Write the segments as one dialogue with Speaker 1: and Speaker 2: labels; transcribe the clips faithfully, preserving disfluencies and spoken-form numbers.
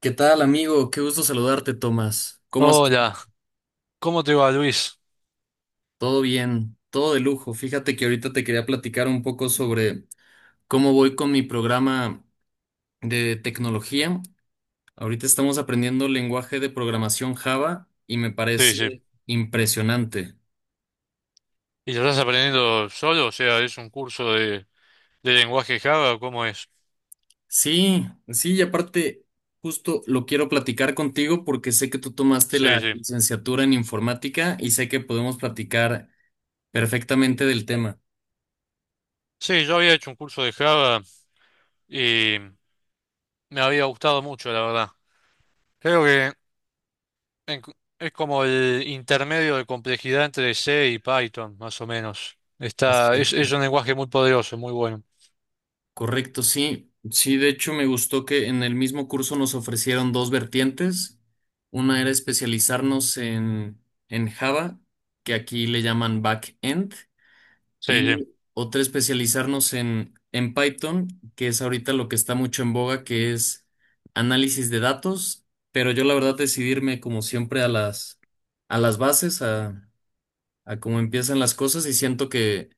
Speaker 1: ¿Qué tal, amigo? Qué gusto saludarte, Tomás. ¿Cómo estás?
Speaker 2: Hola, ¿cómo te va, Luis?
Speaker 1: Todo bien, todo de lujo. Fíjate que ahorita te quería platicar un poco sobre cómo voy con mi programa de tecnología. Ahorita estamos aprendiendo lenguaje de programación Java y me
Speaker 2: Sí, sí.
Speaker 1: parece impresionante.
Speaker 2: ¿Y lo estás aprendiendo solo? O sea, ¿es un curso de, de lenguaje Java? O ¿cómo es?
Speaker 1: Sí, sí, y aparte, justo lo quiero platicar contigo porque sé que tú tomaste
Speaker 2: Sí,
Speaker 1: la
Speaker 2: sí.
Speaker 1: licenciatura en informática y sé que podemos platicar perfectamente del tema.
Speaker 2: Sí, yo había hecho un curso de Java y me había gustado mucho, la verdad. Creo que en- es como el intermedio de complejidad entre C y Python, más o menos. Está, es, es
Speaker 1: Exacto.
Speaker 2: un lenguaje muy poderoso, muy bueno.
Speaker 1: Correcto, sí. Sí, de hecho me gustó que en el mismo curso nos ofrecieron dos vertientes. Una era especializarnos en, en Java, que aquí le llaman backend,
Speaker 2: Sí, sí.
Speaker 1: y otra especializarnos en, en Python, que es ahorita lo que está mucho en boga, que es análisis de datos. Pero yo la verdad decidirme como siempre a las, a las bases, a, a cómo empiezan las cosas y siento que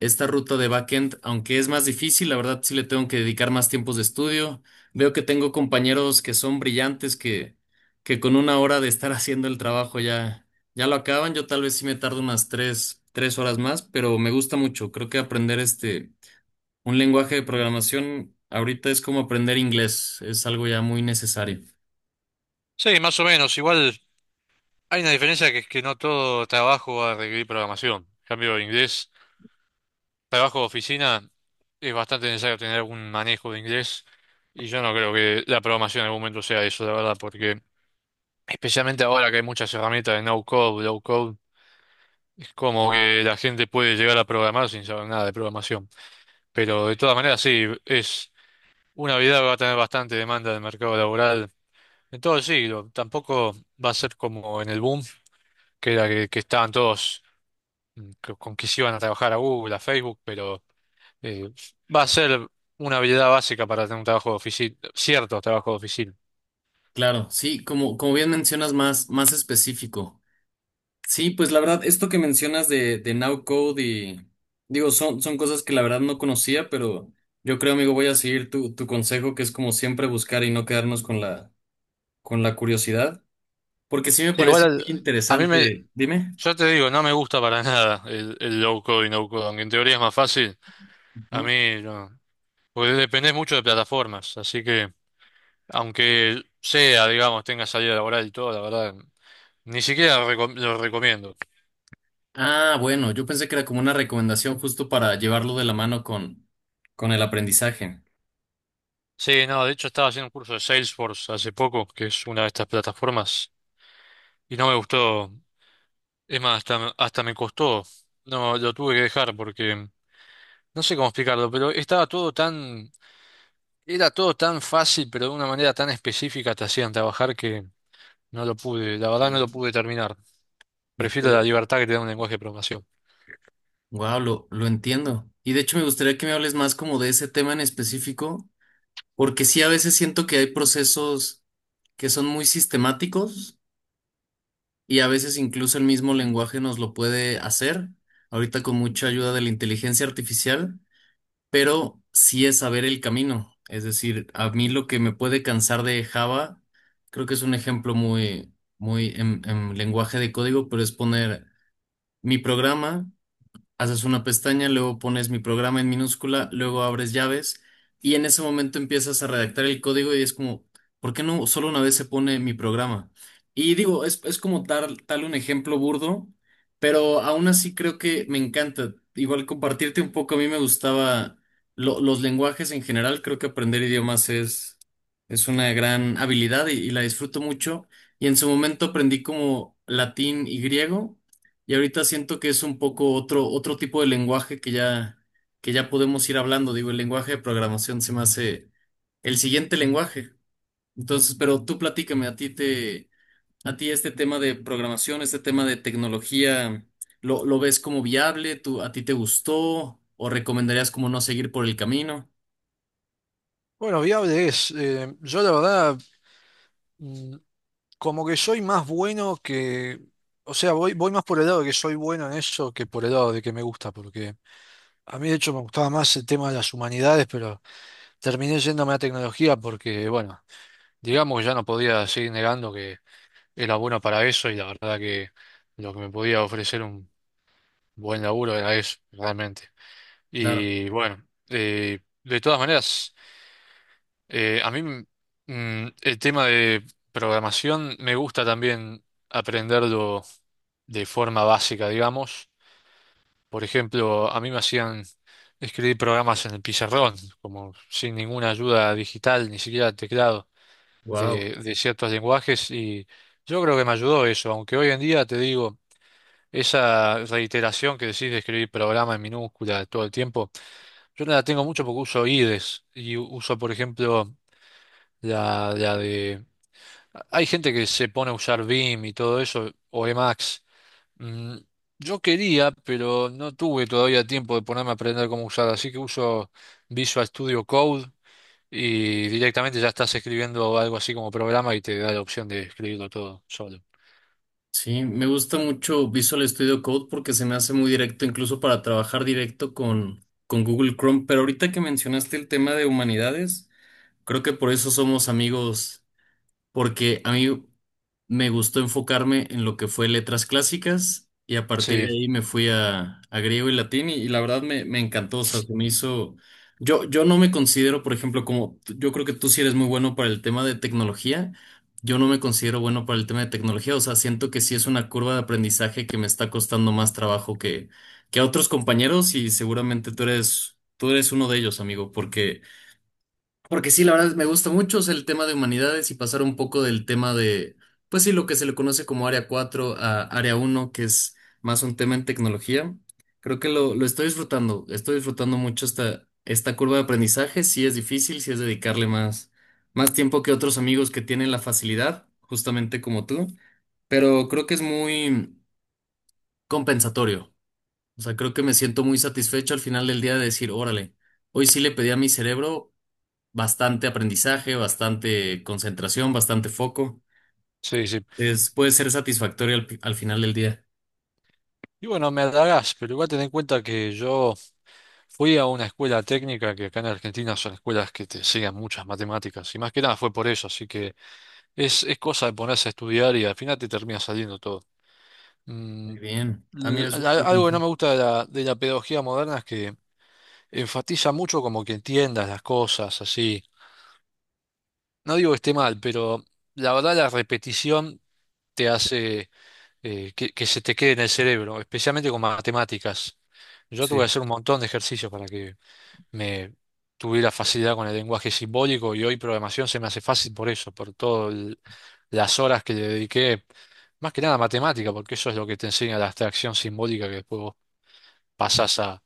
Speaker 1: esta ruta de backend, aunque es más difícil, la verdad sí le tengo que dedicar más tiempos de estudio. Veo que tengo compañeros que son brillantes que, que con una hora de estar haciendo el trabajo ya, ya lo acaban. Yo tal vez sí me tardo unas tres, tres horas más, pero me gusta mucho. Creo que aprender este, un lenguaje de programación ahorita es como aprender inglés, es algo ya muy necesario.
Speaker 2: Sí, más o menos. Igual hay una diferencia que es que no todo trabajo va a requerir programación. En cambio, en inglés, trabajo de oficina, es bastante necesario tener algún manejo de inglés y yo no creo que la programación en algún momento sea eso, la verdad, porque especialmente ahora que hay muchas herramientas de no code, low code, es como que la gente puede llegar a programar sin saber nada de programación. Pero de todas maneras, sí, es una habilidad que va a tener bastante demanda del mercado laboral en todo el siglo. Tampoco va a ser como en el boom, que era que, que estaban todos mm, que- con que se iban a trabajar a Google, a Facebook, pero... Eh, va a ser una habilidad básica para tener un trabajo de oficina, ciertos trabajos de oficina.
Speaker 1: Claro, sí, como, como bien mencionas, más, más específico. Sí, pues la verdad, esto que mencionas de, de Now Code y digo, son, son cosas que la verdad no conocía, pero yo creo, amigo, voy a seguir tu, tu consejo, que es como siempre buscar y no quedarnos con la, con la curiosidad, porque sí me
Speaker 2: Sí, igual
Speaker 1: parece muy
Speaker 2: al- a mí me,
Speaker 1: interesante. Dime.
Speaker 2: yo te digo, no me gusta para nada el, el low code y no code, aunque en teoría es más fácil, a
Speaker 1: Ujú.
Speaker 2: mí no, porque dependés mucho de plataformas, así que aunque sea, digamos, tenga salida laboral y todo, la verdad, ni siquiera recom- lo recomiendo.
Speaker 1: Ah, bueno, yo pensé que era como una recomendación justo para llevarlo de la mano con, con el aprendizaje.
Speaker 2: Sí, no, de hecho estaba haciendo un curso de Salesforce hace poco, que es una de estas plataformas, y no me gustó. Es más, hasta, me- hasta me costó. No, lo tuve que dejar porque no sé cómo explicarlo, pero estaba todo tan, era todo tan fácil, pero de una manera tan específica te hacían trabajar que no lo pude, la verdad no lo pude terminar. Prefiero la libertad que te da un lenguaje de programación.
Speaker 1: Wow, lo, lo entiendo. Y de hecho me gustaría que me hables más como de ese tema en específico, porque sí a veces siento que hay procesos que son muy sistemáticos y a veces incluso el mismo lenguaje nos lo puede hacer, ahorita con mucha ayuda de la inteligencia artificial, pero sí es saber el camino. Es decir, a mí lo que me puede cansar de Java, creo que es un ejemplo muy, muy en, en lenguaje de código, pero es poner mi programa, haces una pestaña, luego pones mi programa en minúscula, luego abres llaves y en ese momento empiezas a redactar el código y es como, ¿por qué no solo una vez se pone mi programa? Y digo, es, es como tal, tal un ejemplo burdo, pero aún así creo que me encanta. Igual compartirte un poco, a mí me gustaba lo- los lenguajes en general, creo que aprender idiomas es, es una gran habilidad y y la disfruto mucho. Y en su momento aprendí como latín y griego. Y ahorita siento que es un poco otro, otro tipo de lenguaje que ya, que ya podemos ir hablando. Digo, el lenguaje de programación se me hace el siguiente lenguaje. Entonces, pero tú platícame, a ti te, a ti este tema de programación, este tema de tecnología, ¿lo, lo ves como viable? ¿Tú, a ti te gustó? ¿O recomendarías como no seguir por el camino?
Speaker 2: Bueno, viable es. Eh, yo la verdad como que soy más bueno que, o sea, voy, voy más por el lado de que soy bueno en eso que por el lado de que me gusta, porque a mí de hecho me gustaba más el tema de las humanidades, pero terminé yéndome a tecnología porque, bueno, digamos que ya no podía seguir negando que era bueno para eso y la verdad que lo que me podía ofrecer un buen laburo era eso, realmente.
Speaker 1: Claro.
Speaker 2: Y bueno, eh, de todas maneras, eh, a mí mm, el tema de programación me gusta también aprenderlo de forma básica, digamos. Por ejemplo, a mí me hacían escribir programas en el pizarrón, como sin ninguna ayuda digital, ni siquiera teclado
Speaker 1: Wow.
Speaker 2: de, de ciertos lenguajes, y yo creo que me ayudó eso, aunque hoy en día te digo, esa reiteración que decís de escribir programa en minúscula todo el tiempo, yo no la tengo mucho porque uso I D E S y u- uso, por ejemplo, la, la de... Hay gente que se pone a usar vim y todo eso, o Emacs. Mm, yo quería, pero no tuve todavía tiempo de ponerme a aprender cómo usar, así que uso Visual Studio Code y directamente ya estás escribiendo algo así como programa y te da la opción de escribirlo todo solo.
Speaker 1: Sí, me gusta mucho Visual Studio Code porque se me hace muy directo, incluso para trabajar directo con, con Google Chrome. Pero ahorita que mencionaste el tema de humanidades, creo que por eso somos amigos porque a mí me gustó enfocarme en lo que fue letras clásicas y a partir
Speaker 2: Sí,
Speaker 1: de ahí me fui a, a griego y latín y, y la verdad me, me encantó, o sea, se me hizo... Yo, yo no me considero, por ejemplo, como t- yo creo que tú sí eres muy bueno para el tema de tecnología, yo no me considero bueno para el tema de tecnología, o sea, siento que sí es una curva de aprendizaje que me está costando más trabajo que, que a otros compañeros y seguramente tú eres, tú eres uno de ellos, amigo, porque... Porque sí, la verdad me gusta mucho, o sea, el tema de humanidades y pasar un poco del tema de, pues sí, lo que se le conoce como área cuatro a área uno que es más un tema en tecnología. Creo que lo, lo estoy disfrutando, estoy disfrutando mucho esta, esta curva de aprendizaje. Sí es difícil, sí es dedicarle más, más tiempo que otros amigos que tienen la facilidad, justamente como tú, pero creo que es muy compensatorio. O sea, creo que me siento muy satisfecho al final del día de decir, órale, hoy sí le pedí a mi cerebro bastante aprendizaje, bastante concentración, bastante foco.
Speaker 2: sí, sí.
Speaker 1: Es- puede ser satisfactorio al, al final del día.
Speaker 2: Y bueno, me halagás, pero igual ten en cuenta que yo fui a una escuela técnica que acá en Argentina son escuelas que te enseñan muchas matemáticas y más que nada fue por eso, así que es, es cosa de ponerse a estudiar y al final te termina saliendo todo. Mm,
Speaker 1: Muy bien. Ah, mira,
Speaker 2: l-
Speaker 1: es un
Speaker 2: a-
Speaker 1: buen
Speaker 2: Algo que no
Speaker 1: consejo.
Speaker 2: me gusta de la, de la pedagogía moderna es que enfatiza mucho como que entiendas las cosas, así. No digo que esté mal, pero la verdad la repetición te hace eh, que, que se te quede en el cerebro, especialmente con matemáticas. Yo tuve que
Speaker 1: Sí,
Speaker 2: hacer un montón de ejercicios para que me tuviera facilidad con el lenguaje simbólico y hoy programación se me hace fácil por eso, por todas las horas que le dediqué, más que nada a matemática, porque eso es lo que te enseña la abstracción simbólica que después vos pasás a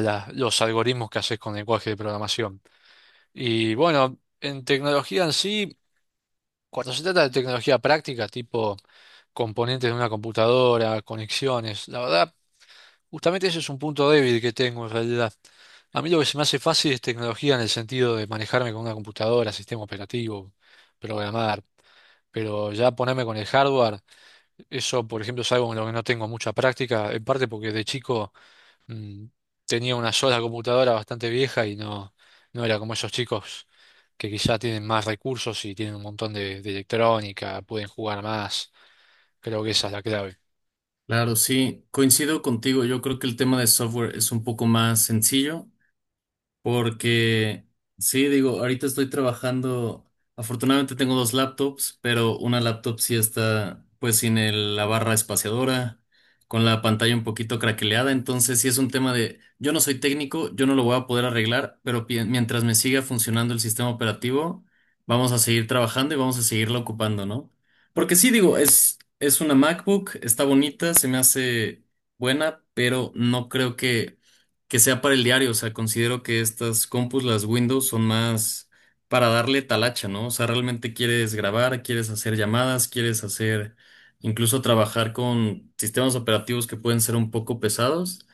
Speaker 2: la- los algoritmos que haces con lenguaje de programación. Y bueno, en tecnología en sí, cuando se trata de tecnología práctica, tipo componentes de una computadora, conexiones, la verdad, justamente ese es un punto débil que tengo en realidad. A mí lo que se me hace fácil es tecnología en el sentido de manejarme con una computadora, sistema operativo, programar. Pero ya ponerme con el hardware, eso por ejemplo es algo en lo que no tengo mucha práctica, en parte porque de chico mm, tenía una sola computadora bastante vieja y no, no era como esos chicos que quizá tienen más recursos y tienen un montón de, de electrónica, pueden jugar más. Creo que esa es la clave.
Speaker 1: claro, sí. Coincido contigo. Yo creo que el tema de software es un poco más sencillo. Porque, sí, digo, ahorita estoy trabajando, afortunadamente tengo dos laptops, pero una laptop sí está pues sin el- la barra espaciadora, con la pantalla un poquito craqueleada, entonces sí es un tema de, yo no soy técnico, yo no lo voy a poder arreglar, pero pi- mientras me siga funcionando el sistema operativo, vamos a seguir trabajando y vamos a seguirla ocupando, ¿no? Porque sí, digo, es, es una MacBook, está bonita, se me hace buena, pero no creo que que sea para el diario. O sea, considero que estas compus, las Windows, son más para darle talacha, ¿no? O sea, realmente quieres grabar, quieres hacer llamadas, quieres hacer incluso trabajar con sistemas operativos que pueden ser un poco pesados.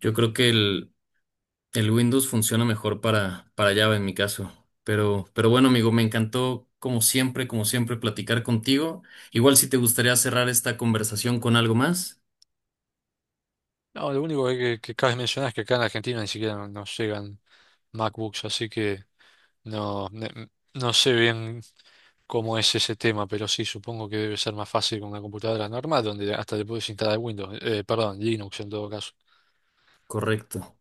Speaker 1: Yo creo que el, el Windows funciona mejor para, para Java en mi caso. Pero, pero bueno, amigo, me encantó, como siempre, como siempre, platicar contigo. Igual si te gustaría cerrar esta conversación con algo más,
Speaker 2: No, lo único que, que cabe mencionar es que acá en Argentina ni siquiera no- nos llegan MacBooks, así que no, ne- no sé bien cómo es ese tema, pero sí, supongo que debe ser más fácil con una computadora normal, donde hasta le puedes instalar Windows, eh, perdón, Linux en todo caso.
Speaker 1: correcto.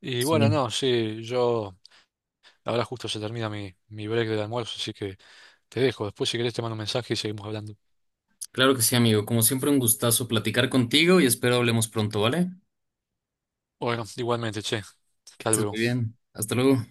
Speaker 2: Y bueno,
Speaker 1: Sí.
Speaker 2: no, sí, yo... Ahora justo se termina mi, mi break del almuerzo, así que te dejo. Después, si querés, te mando un mensaje y seguimos hablando.
Speaker 1: Claro que sí, amigo. Como siempre, un gustazo platicar contigo y espero hablemos pronto, ¿vale?
Speaker 2: Bueno, igualmente, che,
Speaker 1: Que
Speaker 2: hasta
Speaker 1: estés
Speaker 2: luego.
Speaker 1: muy bien. Hasta luego.